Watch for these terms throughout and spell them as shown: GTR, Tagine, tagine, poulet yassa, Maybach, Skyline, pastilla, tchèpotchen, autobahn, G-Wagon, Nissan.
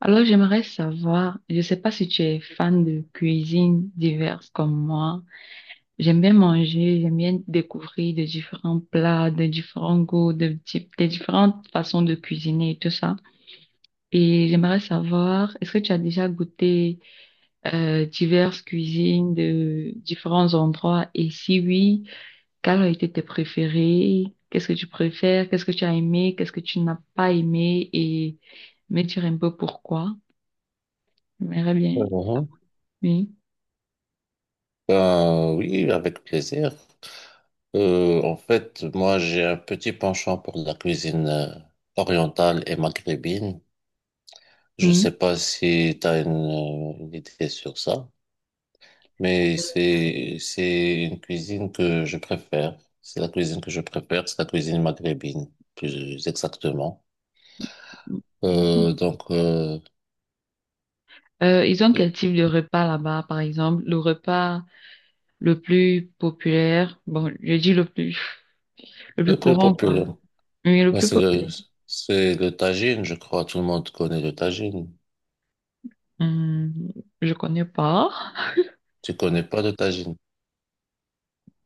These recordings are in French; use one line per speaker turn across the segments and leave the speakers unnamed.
Alors, j'aimerais savoir, je ne sais pas si tu es fan de cuisine diverses comme moi. J'aime bien manger, j'aime bien découvrir de différents plats, de différents goûts, des différentes façons de cuisiner et tout ça. Et j'aimerais savoir, est-ce que tu as déjà goûté diverses cuisines de différents endroits? Et si oui, quelles ont été tes préférées? Qu'est-ce que tu préfères? Qu'est-ce que tu as aimé? Qu'est-ce que tu n'as pas aimé? Et me dire un peu pourquoi. On verra bien.
Mhm.
Oui,
Ben, oui, avec plaisir. En fait, moi, j'ai un petit penchant pour la cuisine orientale et maghrébine. Je
oui.
sais pas si tu as une idée sur ça, mais c'est une cuisine que je préfère. C'est la cuisine que je préfère, c'est la cuisine maghrébine, plus exactement. Euh,
Mhm.
donc, euh,
Ils ont
le
quel type de repas là-bas, par exemple? Le repas le plus populaire, bon, je dis le plus
plus
courant, quoi.
populaire,
Mais le
ben,
plus populaire,
c'est le tagine, je crois. Tout le monde connaît le tagine.
hum, je connais pas.
Tu connais pas le tagine?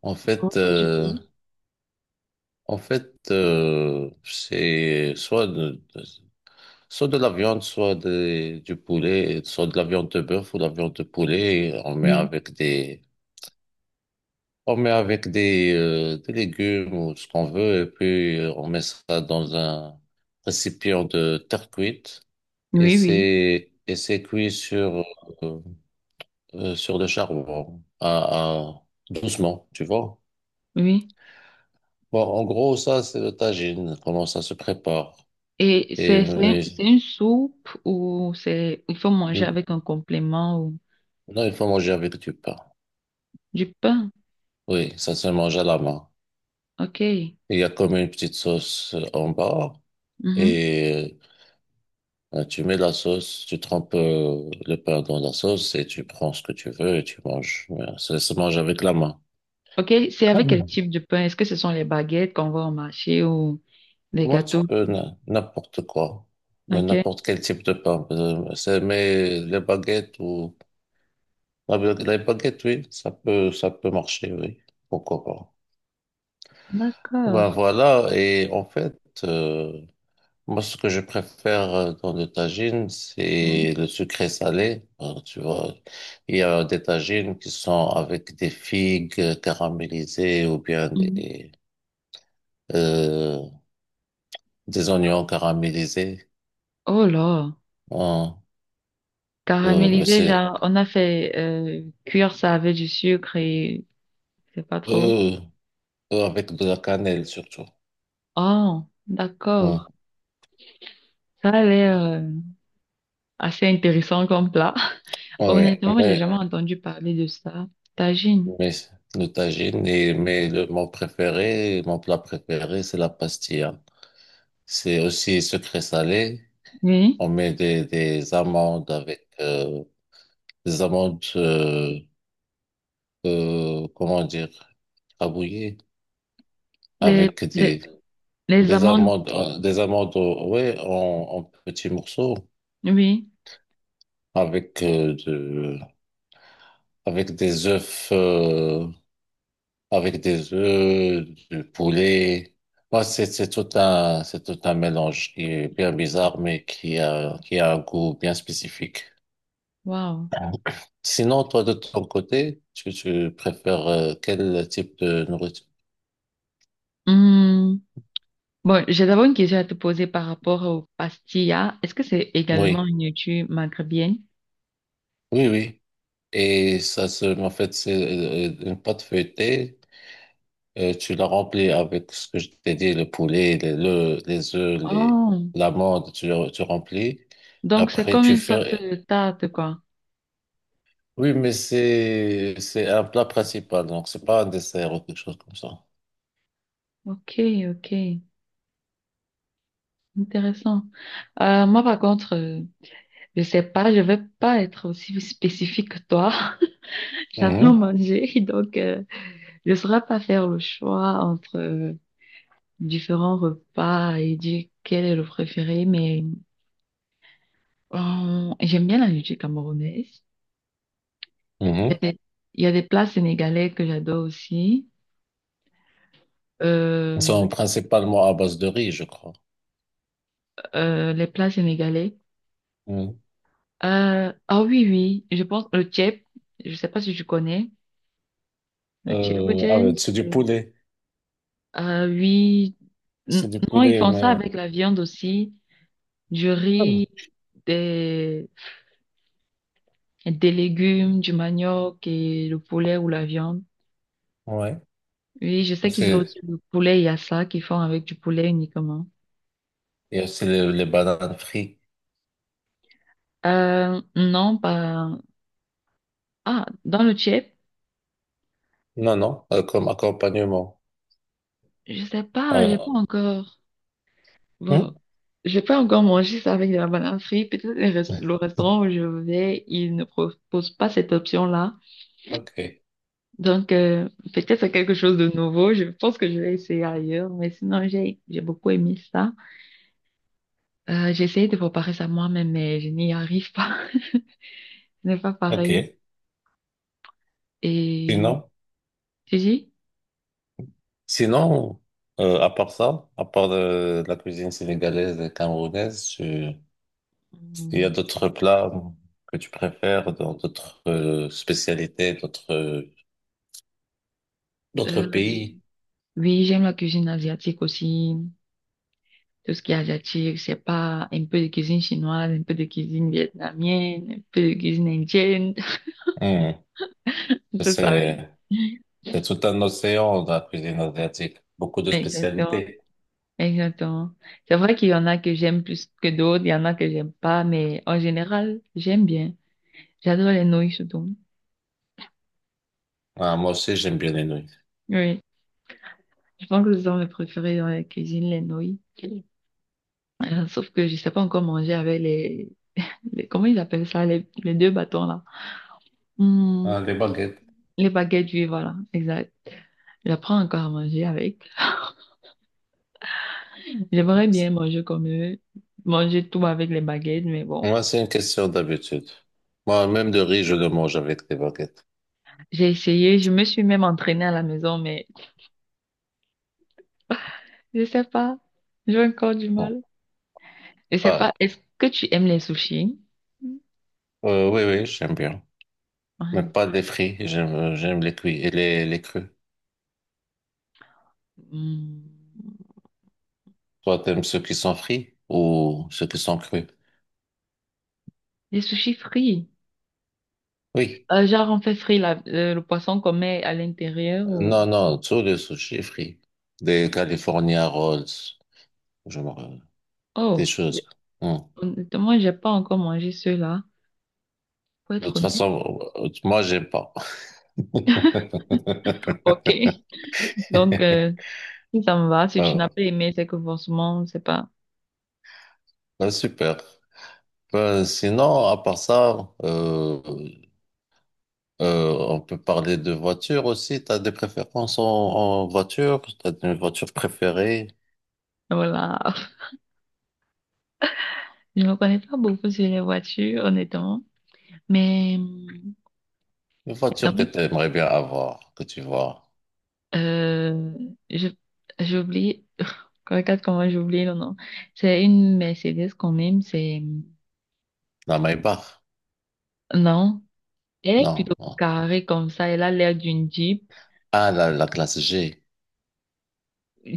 En
Non,
fait,
pas du
euh,
tout.
en fait, c'est soit de la viande, du poulet, soit de la viande de bœuf ou de la viande de poulet.
Oui,
On met avec des légumes ou ce qu'on veut, et puis on met ça dans un récipient de terre cuite
oui, oui,
et c'est cuit sur euh, sur le charbon doucement, tu vois.
oui.
Bon, en gros, ça c'est le tagine. Comment ça se prépare?
Et
Et
c'est
oui,
une soupe ou c'est, il faut manger avec un complément ou
non, il faut manger avec du pain.
du pain.
Oui, ça se mange à la main.
OK.
Il y a comme une petite sauce en bas
Mhm.
et tu mets la sauce, tu trempes le pain dans la sauce et tu prends ce que tu veux et tu manges. Ouais, ça se mange avec la main.
OK, c'est avec quel type de pain? Est-ce que ce sont les baguettes qu'on voit au marché ou des
Moi, tu
gâteaux.
peux n'importe quoi,
Ok.
n'importe quel type de pain. Mais les baguettes ou la ba- les baguettes, oui, ça peut marcher, oui. Pourquoi pas? Ben
D'accord.
voilà. Et en fait, euh, moi, ce que je préfère dans le tagine, c'est
Mm,
le sucré salé. Tu vois, il y a des tagines qui sont avec des figues caramélisées ou bien
mm.
euh, des oignons caramélisés.
Oh là.
Hein.
Caramélisé,
C'est
genre, on a fait cuire ça avec du sucre et c'est pas trop.
euh, avec de la cannelle surtout.
Oh,
Hum.
d'accord. Ça a l'air assez intéressant comme plat.
Ouais,
Honnêtement, j'ai
mais,
jamais entendu parler de ça. Tagine.
mais mais mon préféré, mon plat préféré, c'est la pastilla. C'est aussi sucré salé.
Oui.
Des amandes avec des amandes, comment dire, rabouillées,
Les,
avec
les,
des,
les amandes. Oui.
des amandes, ouais, en petits morceaux,
Oui.
avec euh, de, avec des œufs, euh, avec des œufs, du poulet. Ouais, c'est tout un mélange qui est bien bizarre, mais qui a un goût bien spécifique.
Wow.
Sinon, toi, de ton côté, tu préfères quel type de nourriture?
Hmm. Bon, j'ai d'abord une question à te poser par rapport au pastilla. Est-ce que c'est également
Oui,
une nourriture maghrébienne?
oui, oui. Et ça, se, en fait, c'est une pâte feuilletée. Tu la remplis avec ce que je t'ai dit, le poulet, les œufs,
Oh,
l'amande, tu remplis.
donc c'est voilà,
Après,
comme
tu
une sorte
fais...
de tarte, quoi.
Oui, mais c'est un plat principal, donc c'est pas un dessert ou quelque chose comme ça.
Ok, ok, intéressant. Moi, par contre, je sais pas, je vais pas être aussi spécifique que toi. J'adore
Mhm,
manger, donc je saurais pas faire le choix entre différents repas et dire quel est le préféré, mais j'aime bien la nourriture camerounaise. Il
mhm.
y a des, il y a des plats sénégalais que j'adore aussi.
Ils
Euh,
sont principalement à base de riz, je crois.
les plats sénégalais.
Mhm.
Ah oui, oui, je pense le tchèp, je sais pas si tu connais. Le
Ah ouais,
tchèpotchen,
c'est du
c'est...
poulet.
Ah oui, N-
C'est du
non, ils
poulet,
font ça
mais...
avec la viande aussi, du
Ah
riz,
bon.
des, des légumes, du manioc et le poulet ou la viande.
Ouais.
Oui, je sais qu'ils ont
C'est...
aussi le poulet yassa qu'ils font avec du poulet uniquement.
Il y a aussi les bananes frites.
Non, pas... Ah, dans le tchèp,
Non, non, comme accompagnement.
je sais pas, j'ai
Euh,
pas encore... Bon,
hmm?
j'ai pas encore mangé ça avec de la banane frite. Peut-être le restaurant où je vais, il ne propose pas cette option-là.
Ok,
Donc, peut-être c'est quelque chose de nouveau. Je pense que je vais essayer ailleurs. Mais sinon, j'ai beaucoup aimé ça. J'ai essayé de préparer ça moi-même, mais je n'y arrive pas. Ce n'est pas pareil.
ok.
Et
Sinon,
tu dis?
sinon à part ça, à part de la cuisine sénégalaise et camerounaise, il y a
Hmm,
d'autres plats que tu préfères dans d'autres spécialités, d'autres
euh,
pays.
oui, j'aime la cuisine asiatique aussi. Tout ce qui est asiatique, c'est pas un peu de cuisine chinoise, un peu de cuisine vietnamienne, un peu de cuisine indienne.
Hmm.
C'est ça, oui.
C'est c'est tout un océan de la cuisine asiatique, beaucoup de
Exactement.
spécialités.
Exactement. C'est vrai qu'il y en a que j'aime plus que d'autres, il y en a que j'aime pas, mais en général, j'aime bien. J'adore les nouilles surtout.
Ah, moi aussi, j'aime bien les nouilles.
Oui. Je pense que ce sont mes préférés dans la cuisine, les nouilles. Sauf que je sais pas encore manger avec comment ils appellent ça, les deux bâtons là. Hmm,
Ah, les baguettes.
les baguettes oui, voilà, exact. J'apprends encore à manger avec. J'aimerais bien manger comme eux, manger tout avec les baguettes, mais bon.
Moi, c'est une question d'habitude. Moi, même de riz, je le mange avec des baguettes.
J'ai essayé, je me suis même entraînée à la maison, mais je sais pas. J'ai encore du
Bon,
mal. Je sais pas.
pareil.
Est-ce que tu aimes les sushis?
Oui, oui, j'aime bien. Mais
Ouais.
pas les frits. J'aime, j'aime les cuits et les crus.
Hmm.
Toi, t'aimes ceux qui sont frits ou ceux qui sont crus?
Les sushis frits.
Oui.
Genre, on fait frit le poisson qu'on met à l'intérieur ou...
Non, non, tous les sushis frits. Des California Rolls. Je me... rappelle. Des
Oh, j'ai-
choses. Hum.
honnêtement, j'ai pas encore mangé ceux-là, pour
De
être
toute
honnête.
façon, moi, j'aime pas.
Ok. Donc, si ça me va, si tu n'as
Ah,
pas aimé, c'est que forcément, c'est pas...
ah, super. Sinon, à part ça, on peut parler de voiture aussi. T'as des préférences en voiture? T'as une voiture préférée?
Voilà. Je ne connais pas beaucoup sur les voitures, honnêtement. Mais,
Une
quand
voiture que
même
tu aimerais bien avoir, que tu vois.
Euh, je- j'ai oublié, regarde comment j'ai oublié le nom. C'est une Mercedes quand même, c'est,
La Maybach?
non, elle est
Non.
plutôt
Non.
carrée comme ça, elle a l'air d'une Jeep,
Ah, la classe G.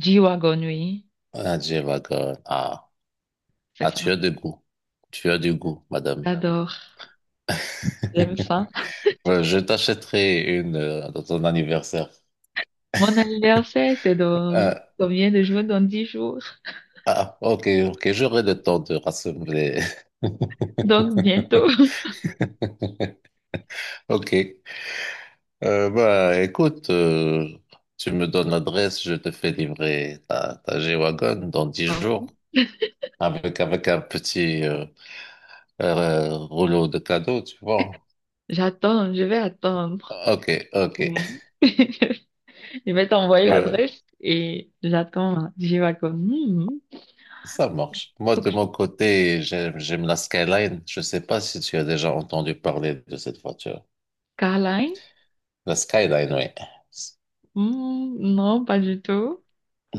G-Wagon, oui,
Ah, G-Wagon. Ah.
c'est
Ah,
ça.
tu as du goût. Tu as du goût, madame.
J'adore, j'aime ça.
Ouais, je t'achèterai une dans ton anniversaire.
Mon anniversaire, c'est dans
Euh,
combien de jours? Dans 10 jours.
ah, ok, ok, j'aurai le temps de rassembler.
Donc, bientôt.
Ok. Bah, écoute, tu me donnes l'adresse, je te fais livrer ta G-Wagon dans 10 jours
Oh,
avec un petit rouleau de cadeaux, tu vois.
j'attends, je vais attendre.
Ok, ok.
Mm. Je vais t'envoyer
Euh,
l'adresse et j'attends. G-Wagon. Hmm,
ça marche. Moi,
faut
de
que je...
mon côté, j'aime la Skyline. Je sais pas si tu as déjà entendu parler de cette voiture.
Caroline?
La Skyline, oui.
Hmm, non, pas du tout.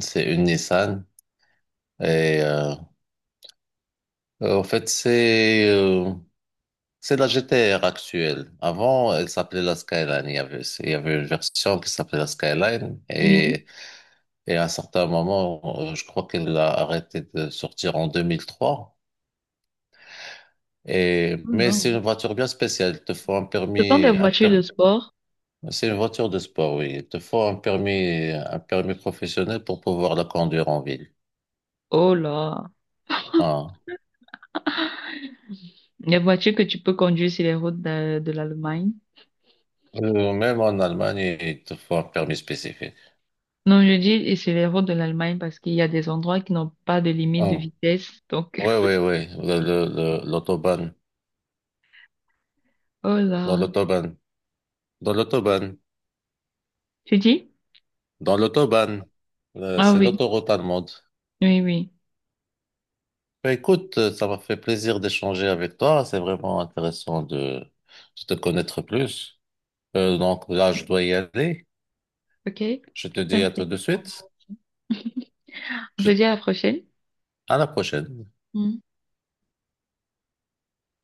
C'est une Nissan. Et euh, en fait, c'est... euh, C'est la GTR actuelle. Avant, elle s'appelait la Skyline. Il y avait une version qui s'appelait la Skyline
Oui.
et à un certain moment, je crois qu'elle a arrêté de sortir en 2003. Et,
Oh
mais
là.
c'est une voiture bien spéciale. Il te faut un
Ce sont des
permis,
voitures de sport.
c'est une voiture de sport, oui. Il te faut un permis professionnel pour pouvoir la conduire en ville.
Oh là.
Voilà.
Les voitures que tu peux conduire sur les routes de l'Allemagne.
Même en Allemagne, il te faut un permis spécifique.
Non, je dis et sur les routes de l'Allemagne parce qu'il y a des endroits qui n'ont pas de limite de
Oui,
vitesse. Donc,
oui, oui. L'autobahn.
oh
Dans
là.
l'autobahn. Dans l'autobahn.
Tu dis?
Dans l'autobahn.
Ah
C'est
oui,
l'autoroute allemande.
oui, oui.
Bah, écoute, ça m'a fait plaisir d'échanger avec toi. C'est vraiment intéressant de te connaître plus. Donc là, je dois y aller.
OK.
Je te dis à tout
Simple.
de suite.
On se
Je-
dit à la prochaine.
à la prochaine.